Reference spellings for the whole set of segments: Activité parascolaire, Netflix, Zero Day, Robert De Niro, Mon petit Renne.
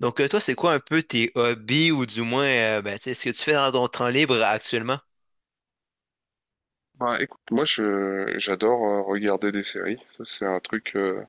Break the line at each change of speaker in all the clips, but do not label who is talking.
Toi, c'est quoi un peu tes hobbies ou du moins, ben, tu sais, ce que tu fais dans ton temps libre actuellement?
Bah écoute, moi je j'adore regarder des séries. Ça, c'est un truc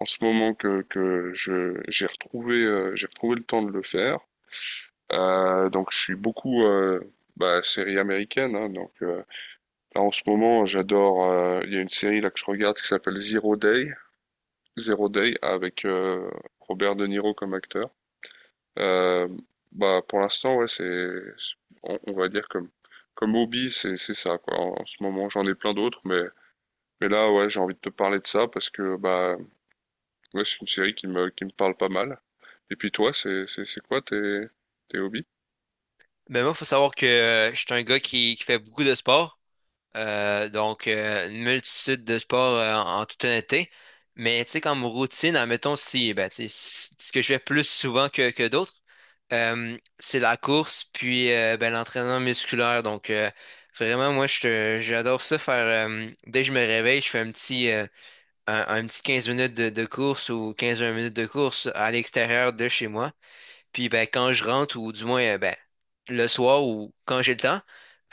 en ce moment que je j'ai retrouvé le temps de le faire. Donc je suis beaucoup bah, série américaine, hein. Là en ce moment j'adore. Il y a une série là que je regarde qui s'appelle Zero Day. Zero Day avec Robert De Niro comme acteur. Euh, Bah pour l'instant ouais c'est, on va dire comme comme hobby c'est ça quoi. En ce moment j'en ai plein d'autres, mais là, ouais, j'ai envie de te parler de ça parce que bah ouais, c'est une série qui me parle pas mal. Et puis toi, c'est quoi tes tes hobbies?
Ben, moi, faut savoir que je suis un gars qui fait beaucoup de sport. Une multitude de sports en toute honnêteté. Mais, tu sais, comme routine, admettons, si, ben, tu sais, ce que je fais plus souvent que d'autres, c'est la course puis ben, l'entraînement musculaire. Vraiment, moi, j'adore ça faire. Dès que je me réveille, je fais un petit 15 minutes de course ou 15 20 minutes de course à l'extérieur de chez moi. Puis ben, quand je rentre, ou du moins ben, le soir ou quand j'ai le temps,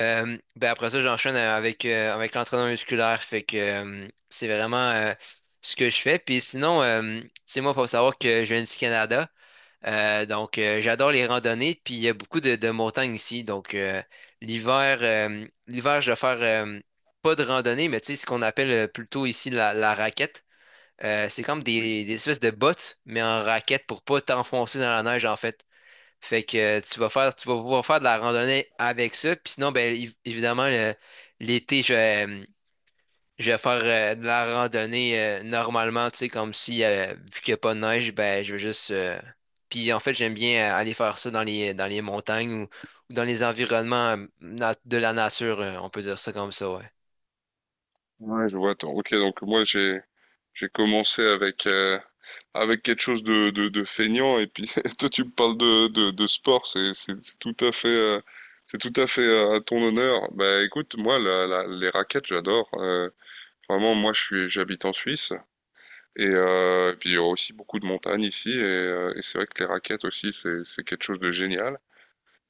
ben, après ça, j'enchaîne avec l'entraînement musculaire. Fait que C'est vraiment ce que je fais. Puis sinon, c'est moi, faut savoir que je viens du Canada. J'adore les randonnées, puis il y a beaucoup de montagnes ici. Donc, l'hiver, je vais faire pas de randonnée, mais tu sais, ce qu'on appelle plutôt ici la raquette. C'est comme
Oui.
des espèces de bottes, mais en raquette pour pas t'enfoncer dans la neige, en fait. Fait que Tu vas faire, tu vas pouvoir faire de la randonnée avec ça. Puis sinon, ben, évidemment, l'été, je vais faire de la randonnée normalement, tu sais, comme si, vu qu'il n'y a pas de neige, ben, je vais juste. Puis en fait, j'aime bien aller faire ça dans dans les montagnes ou dans les environnements de la nature, on peut dire ça comme ça, ouais.
Ouais, je vois. Attends. Ok, donc moi j'ai commencé avec avec quelque chose de feignant et puis toi tu me parles de sport, c'est tout à fait c'est tout à fait à ton honneur. Bah écoute, moi les raquettes, j'adore. Vraiment, moi je suis j'habite en Suisse. Et puis il y a aussi beaucoup de montagnes ici, et c'est vrai que les raquettes aussi, c'est quelque chose de génial.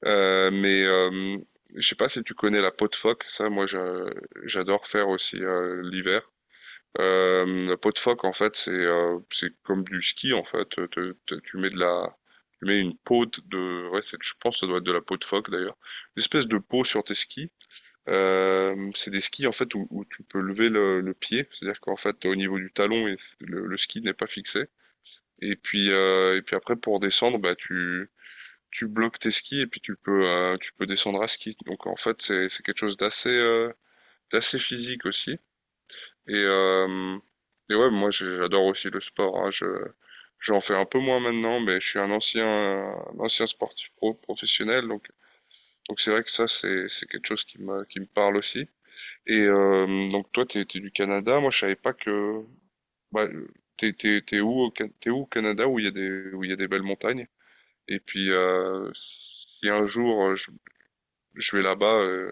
Mais je sais pas si tu connais la peau de phoque, j'adore faire aussi l'hiver. La peau de phoque en fait c'est comme du ski en fait. Tu mets de la tu mets une peau de ouais je pense que ça doit être de la peau de phoque d'ailleurs, une espèce de peau sur tes skis. C'est des skis en fait où tu peux lever le pied, c'est-à-dire qu'en fait au niveau du talon et le ski n'est pas fixé. Et puis après, pour descendre, bah, tu bloques tes skis et puis tu peux descendre à ski. Donc en fait, c'est quelque chose d'assez physique aussi. Et, euh, et ouais, j'adore aussi le sport, hein. J'en fais un peu moins maintenant, mais je suis un ancien sportif pro, professionnel. Donc c'est vrai que ça, c'est quelque chose qui me parle aussi. Donc toi, t'es du Canada. Moi, je savais pas que, bah, t'es où, t'es où au Canada où il y a des, où il y a des belles montagnes? Et puis, si un jour je vais là-bas, euh,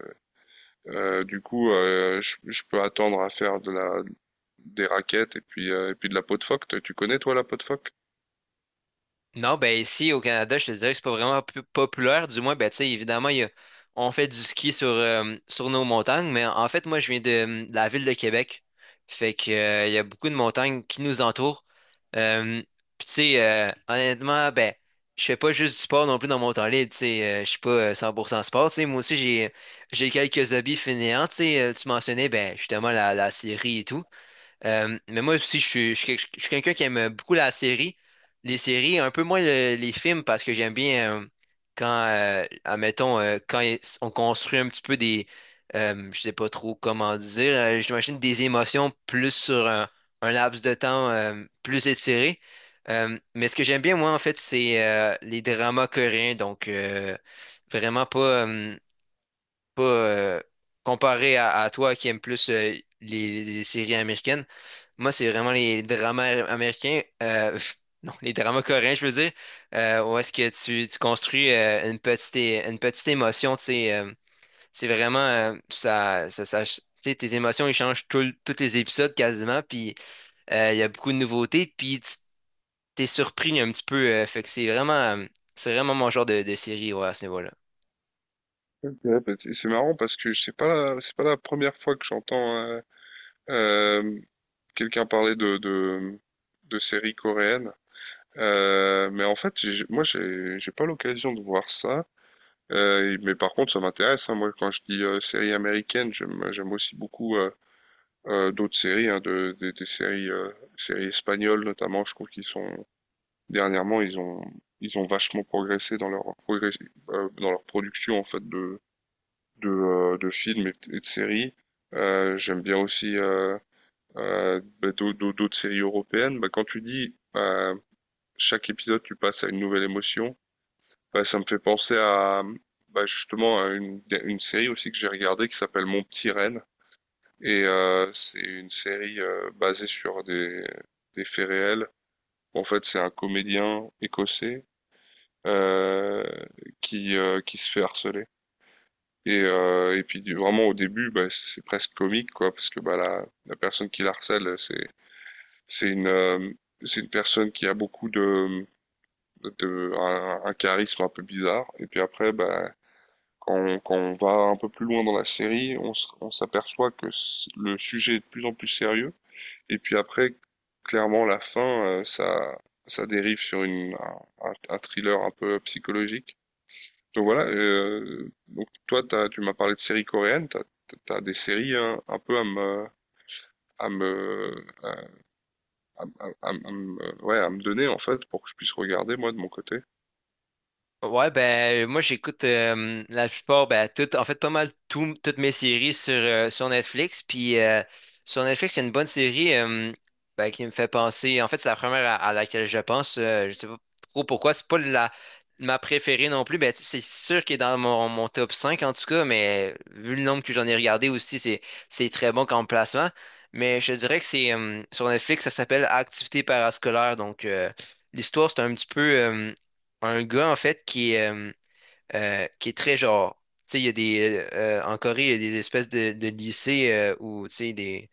euh, du coup, euh, je, je peux attendre à faire de la, des raquettes et puis de la peau de phoque. Tu connais, toi, la peau de phoque?
Non, ben ici au Canada, je te dirais que c'est pas vraiment populaire. Du moins, ben tu sais, évidemment, il y a, on fait du ski sur sur nos montagnes, mais en fait, moi, je viens de la ville de Québec. Il y a beaucoup de montagnes qui nous entourent. Euh, puis tu sais, honnêtement, ben, je fais pas juste du sport non plus dans mon temps libre, tu sais, je suis pas 100% sport, tu sais, moi aussi, j'ai quelques hobbies fainéants, tu sais, tu mentionnais, ben, justement, la série et tout. Mais moi aussi, je suis je suis quelqu'un qui aime beaucoup la série, les séries, un peu moins les films parce que j'aime bien quand, admettons, on construit un petit peu des, je sais pas trop comment dire, j'imagine des émotions plus sur un laps de temps plus étiré. Mais ce que j'aime bien, moi, en fait, c'est les dramas coréens, donc vraiment euh, pas, comparé à toi qui aime plus les séries américaines. Moi, c'est vraiment les dramas américains, pff, non, les dramas coréens, je veux dire, où est-ce que tu construis une petite, une petite émotion, tu sais, c'est vraiment, tu sais, tes émotions, ils changent tous les épisodes quasiment, puis il y a beaucoup de nouveautés, puis tu t'es surpris un petit peu, fait que c'est vraiment mon genre de série, ouais, à ce niveau-là.
Ok. Bah, c'est marrant parce que c'est pas, c'est pas la première fois que j'entends euh, quelqu'un parler de séries coréennes. Mais en fait, moi, j'ai pas l'occasion de voir ça. Mais par contre, ça m'intéresse, hein. Moi, quand je dis séries américaines, j'aime aussi beaucoup d'autres séries, hein, des séries, séries espagnoles notamment. Je trouve qu'ils sont dernièrement, ils ont vachement progressé dans leur progrès, dans leur production en fait de films et, et de séries. J'aime bien aussi bah, d'autres séries européennes. Bah, quand tu dis chaque épisode, tu passes à une nouvelle émotion, bah, ça me fait penser à bah, justement à une série aussi que j'ai regardée qui s'appelle Mon petit Renne, et c'est une série basée sur des faits réels. En fait, c'est un comédien écossais euh, qui se fait harceler. Et puis vraiment au début, bah, c'est presque comique, quoi, parce que bah, la personne qui l'harcèle, c'est une, euh, c'est une personne qui a beaucoup de, un charisme un peu bizarre. Et puis après, bah, quand on va un peu plus loin dans la série, on s'aperçoit que le sujet est de plus en plus sérieux. Et puis après, clairement, la fin, ça dérive sur une, un thriller un peu psychologique. Donc voilà, donc toi, tu m'as parlé de séries coréennes, t'as des séries hein, un peu à me, à me, à- à me, ouais, à me donner en fait pour que je puisse regarder moi de mon côté.
Ouais, ben moi j'écoute la plupart, ben tout, en fait pas mal toutes mes séries sur sur Netflix. Puis sur Netflix, il y a une bonne série ben, qui me fait penser. En fait, c'est la première à laquelle je pense. Je sais pas trop pourquoi. C'est pas la ma préférée non plus. Ben tu sais, c'est sûr qu'il est dans mon top 5 en tout cas, mais vu le nombre que j'en ai regardé aussi, c'est très bon comme placement. Mais je dirais que c'est sur Netflix, ça s'appelle Activité parascolaire. Donc, l'histoire, c'est un petit peu. Un gars, en fait, qui est très genre. Tu sais, il y a des. En Corée, il y a des espèces de lycées où, tu sais, des.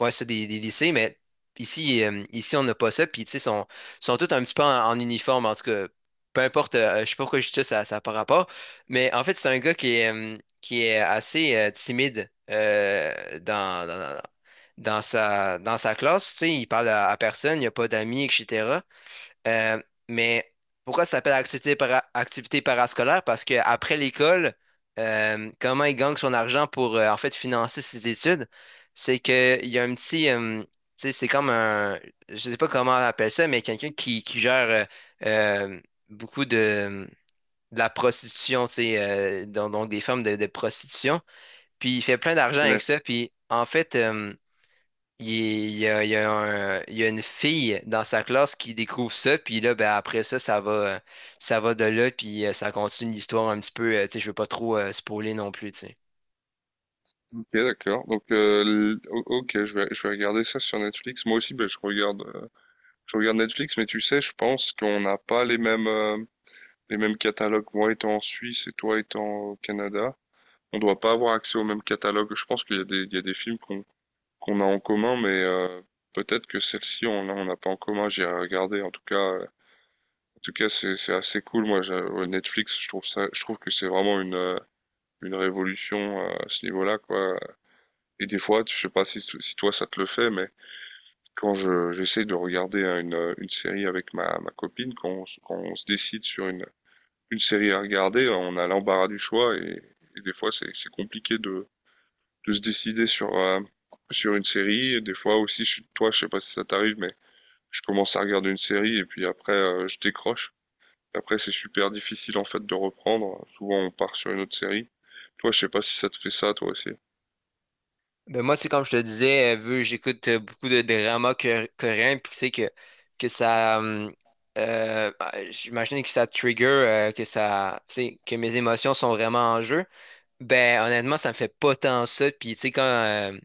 Ouais, c'est des lycées, mais ici, ici on n'a pas ça. Puis, tu sais, sont tous un petit peu en uniforme, en tout cas. Peu importe, je sais pas pourquoi je dis ça, ça n'a pas rapport. Mais en fait, c'est un gars qui est assez timide dans sa classe. Tu sais, il parle à personne, il n'y a pas d'amis, etc. Euh, mais pourquoi ça s'appelle activité, activité parascolaire? Parce qu'après l'école, comment il gagne son argent pour en fait financer ses études? C'est qu'il y a un petit, tu sais, c'est comme un, je sais pas comment on appelle ça, mais quelqu'un qui gère euh, beaucoup de la prostitution, tu sais, donc des formes de prostitution. Puis il fait plein d'argent avec
Net.
ça. Puis en fait, il y a une fille dans sa classe qui découvre ça, puis là, ben, après ça, ça va de là, puis ça continue l'histoire un petit peu. Tu sais, je veux pas trop spoiler non plus, tu sais.
Ok, d'accord. Donc, ok, je vais regarder ça sur Netflix. Moi aussi, ben, je regarde Netflix, mais tu sais, je pense qu'on n'a pas les mêmes, les mêmes catalogues. Moi étant en Suisse et toi étant au Canada, on doit pas avoir accès au même catalogue. Je pense qu'il y a des, il y a des films qu'on a en commun, mais peut-être que celle-ci on n'a pas en commun. J'ai regardé. En tout cas, c'est assez cool. Moi, ouais, Netflix, je trouve que c'est vraiment une révolution à ce niveau-là, quoi. Et des fois, je sais pas si si toi ça te le fait, mais quand je j'essaie de regarder hein, une série avec ma copine, quand quand on se décide sur une série à regarder, on a l'embarras du choix et des fois c'est compliqué de se décider sur, sur une série. Et des fois aussi, toi, je sais pas si ça t'arrive, mais je commence à regarder une série et puis après je décroche. Après, c'est super difficile en fait de reprendre. Souvent, on part sur une autre série. Toi, je sais pas si ça te fait ça, toi aussi.
Ben, moi, c'est comme je te disais, vu que j'écoute beaucoup de dramas coréens, puis tu sais que ça. Bah, j'imagine que ça trigger, que ça. Tu sais, que mes émotions sont vraiment en jeu. Ben, honnêtement, ça me fait pas tant ça, puis tu sais,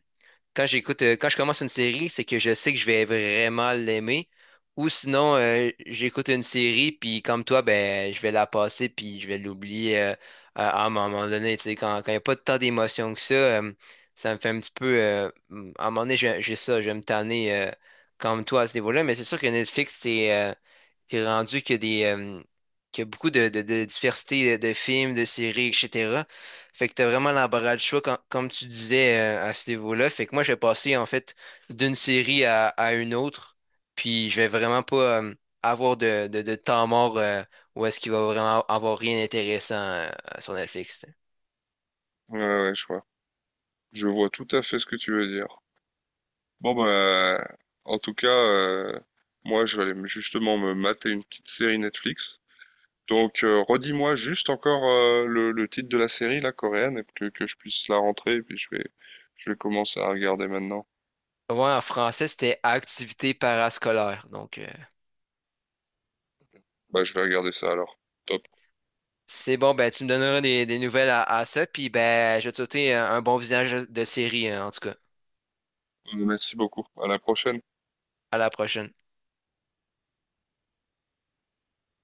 Quand j'écoute, quand je commence une série, c'est que je sais que je vais vraiment l'aimer. Ou sinon, j'écoute une série, puis comme toi, ben, je vais la passer, puis je vais l'oublier à un moment donné. Tu sais, quand il n'y a pas tant d'émotions que ça, ça me fait un petit peu. À un moment donné, j'ai ça, je vais me tanner comme toi à ce niveau-là. Mais c'est sûr que Netflix, c'est rendu qu'il y a qu'il y a beaucoup de diversité de films, de séries, etc. Fait que t'as vraiment l'embarras du choix, comme tu disais, à ce niveau-là. Fait que moi, je vais passer, en fait, d'une série à une autre. Puis, je vais vraiment pas avoir de temps mort où est-ce qu'il va vraiment avoir rien d'intéressant sur Netflix. T'sais.
Ouais, ouais, je vois. Je vois tout à fait ce que tu veux dire. Bon, bah, en tout cas, moi, je vais aller justement me mater une petite série Netflix. Donc, redis-moi juste encore le titre de la série, la coréenne, et que je puisse la rentrer, et puis je vais commencer à regarder maintenant.
Ouais, en français, c'était activité parascolaire.
Bah, je vais regarder ça alors. Top.
C'est bon, ben, tu me donneras des nouvelles à ça. Puis, ben, je vais te souhaiter un bon visage de série, en tout cas.
Merci beaucoup. À la prochaine.
À la prochaine.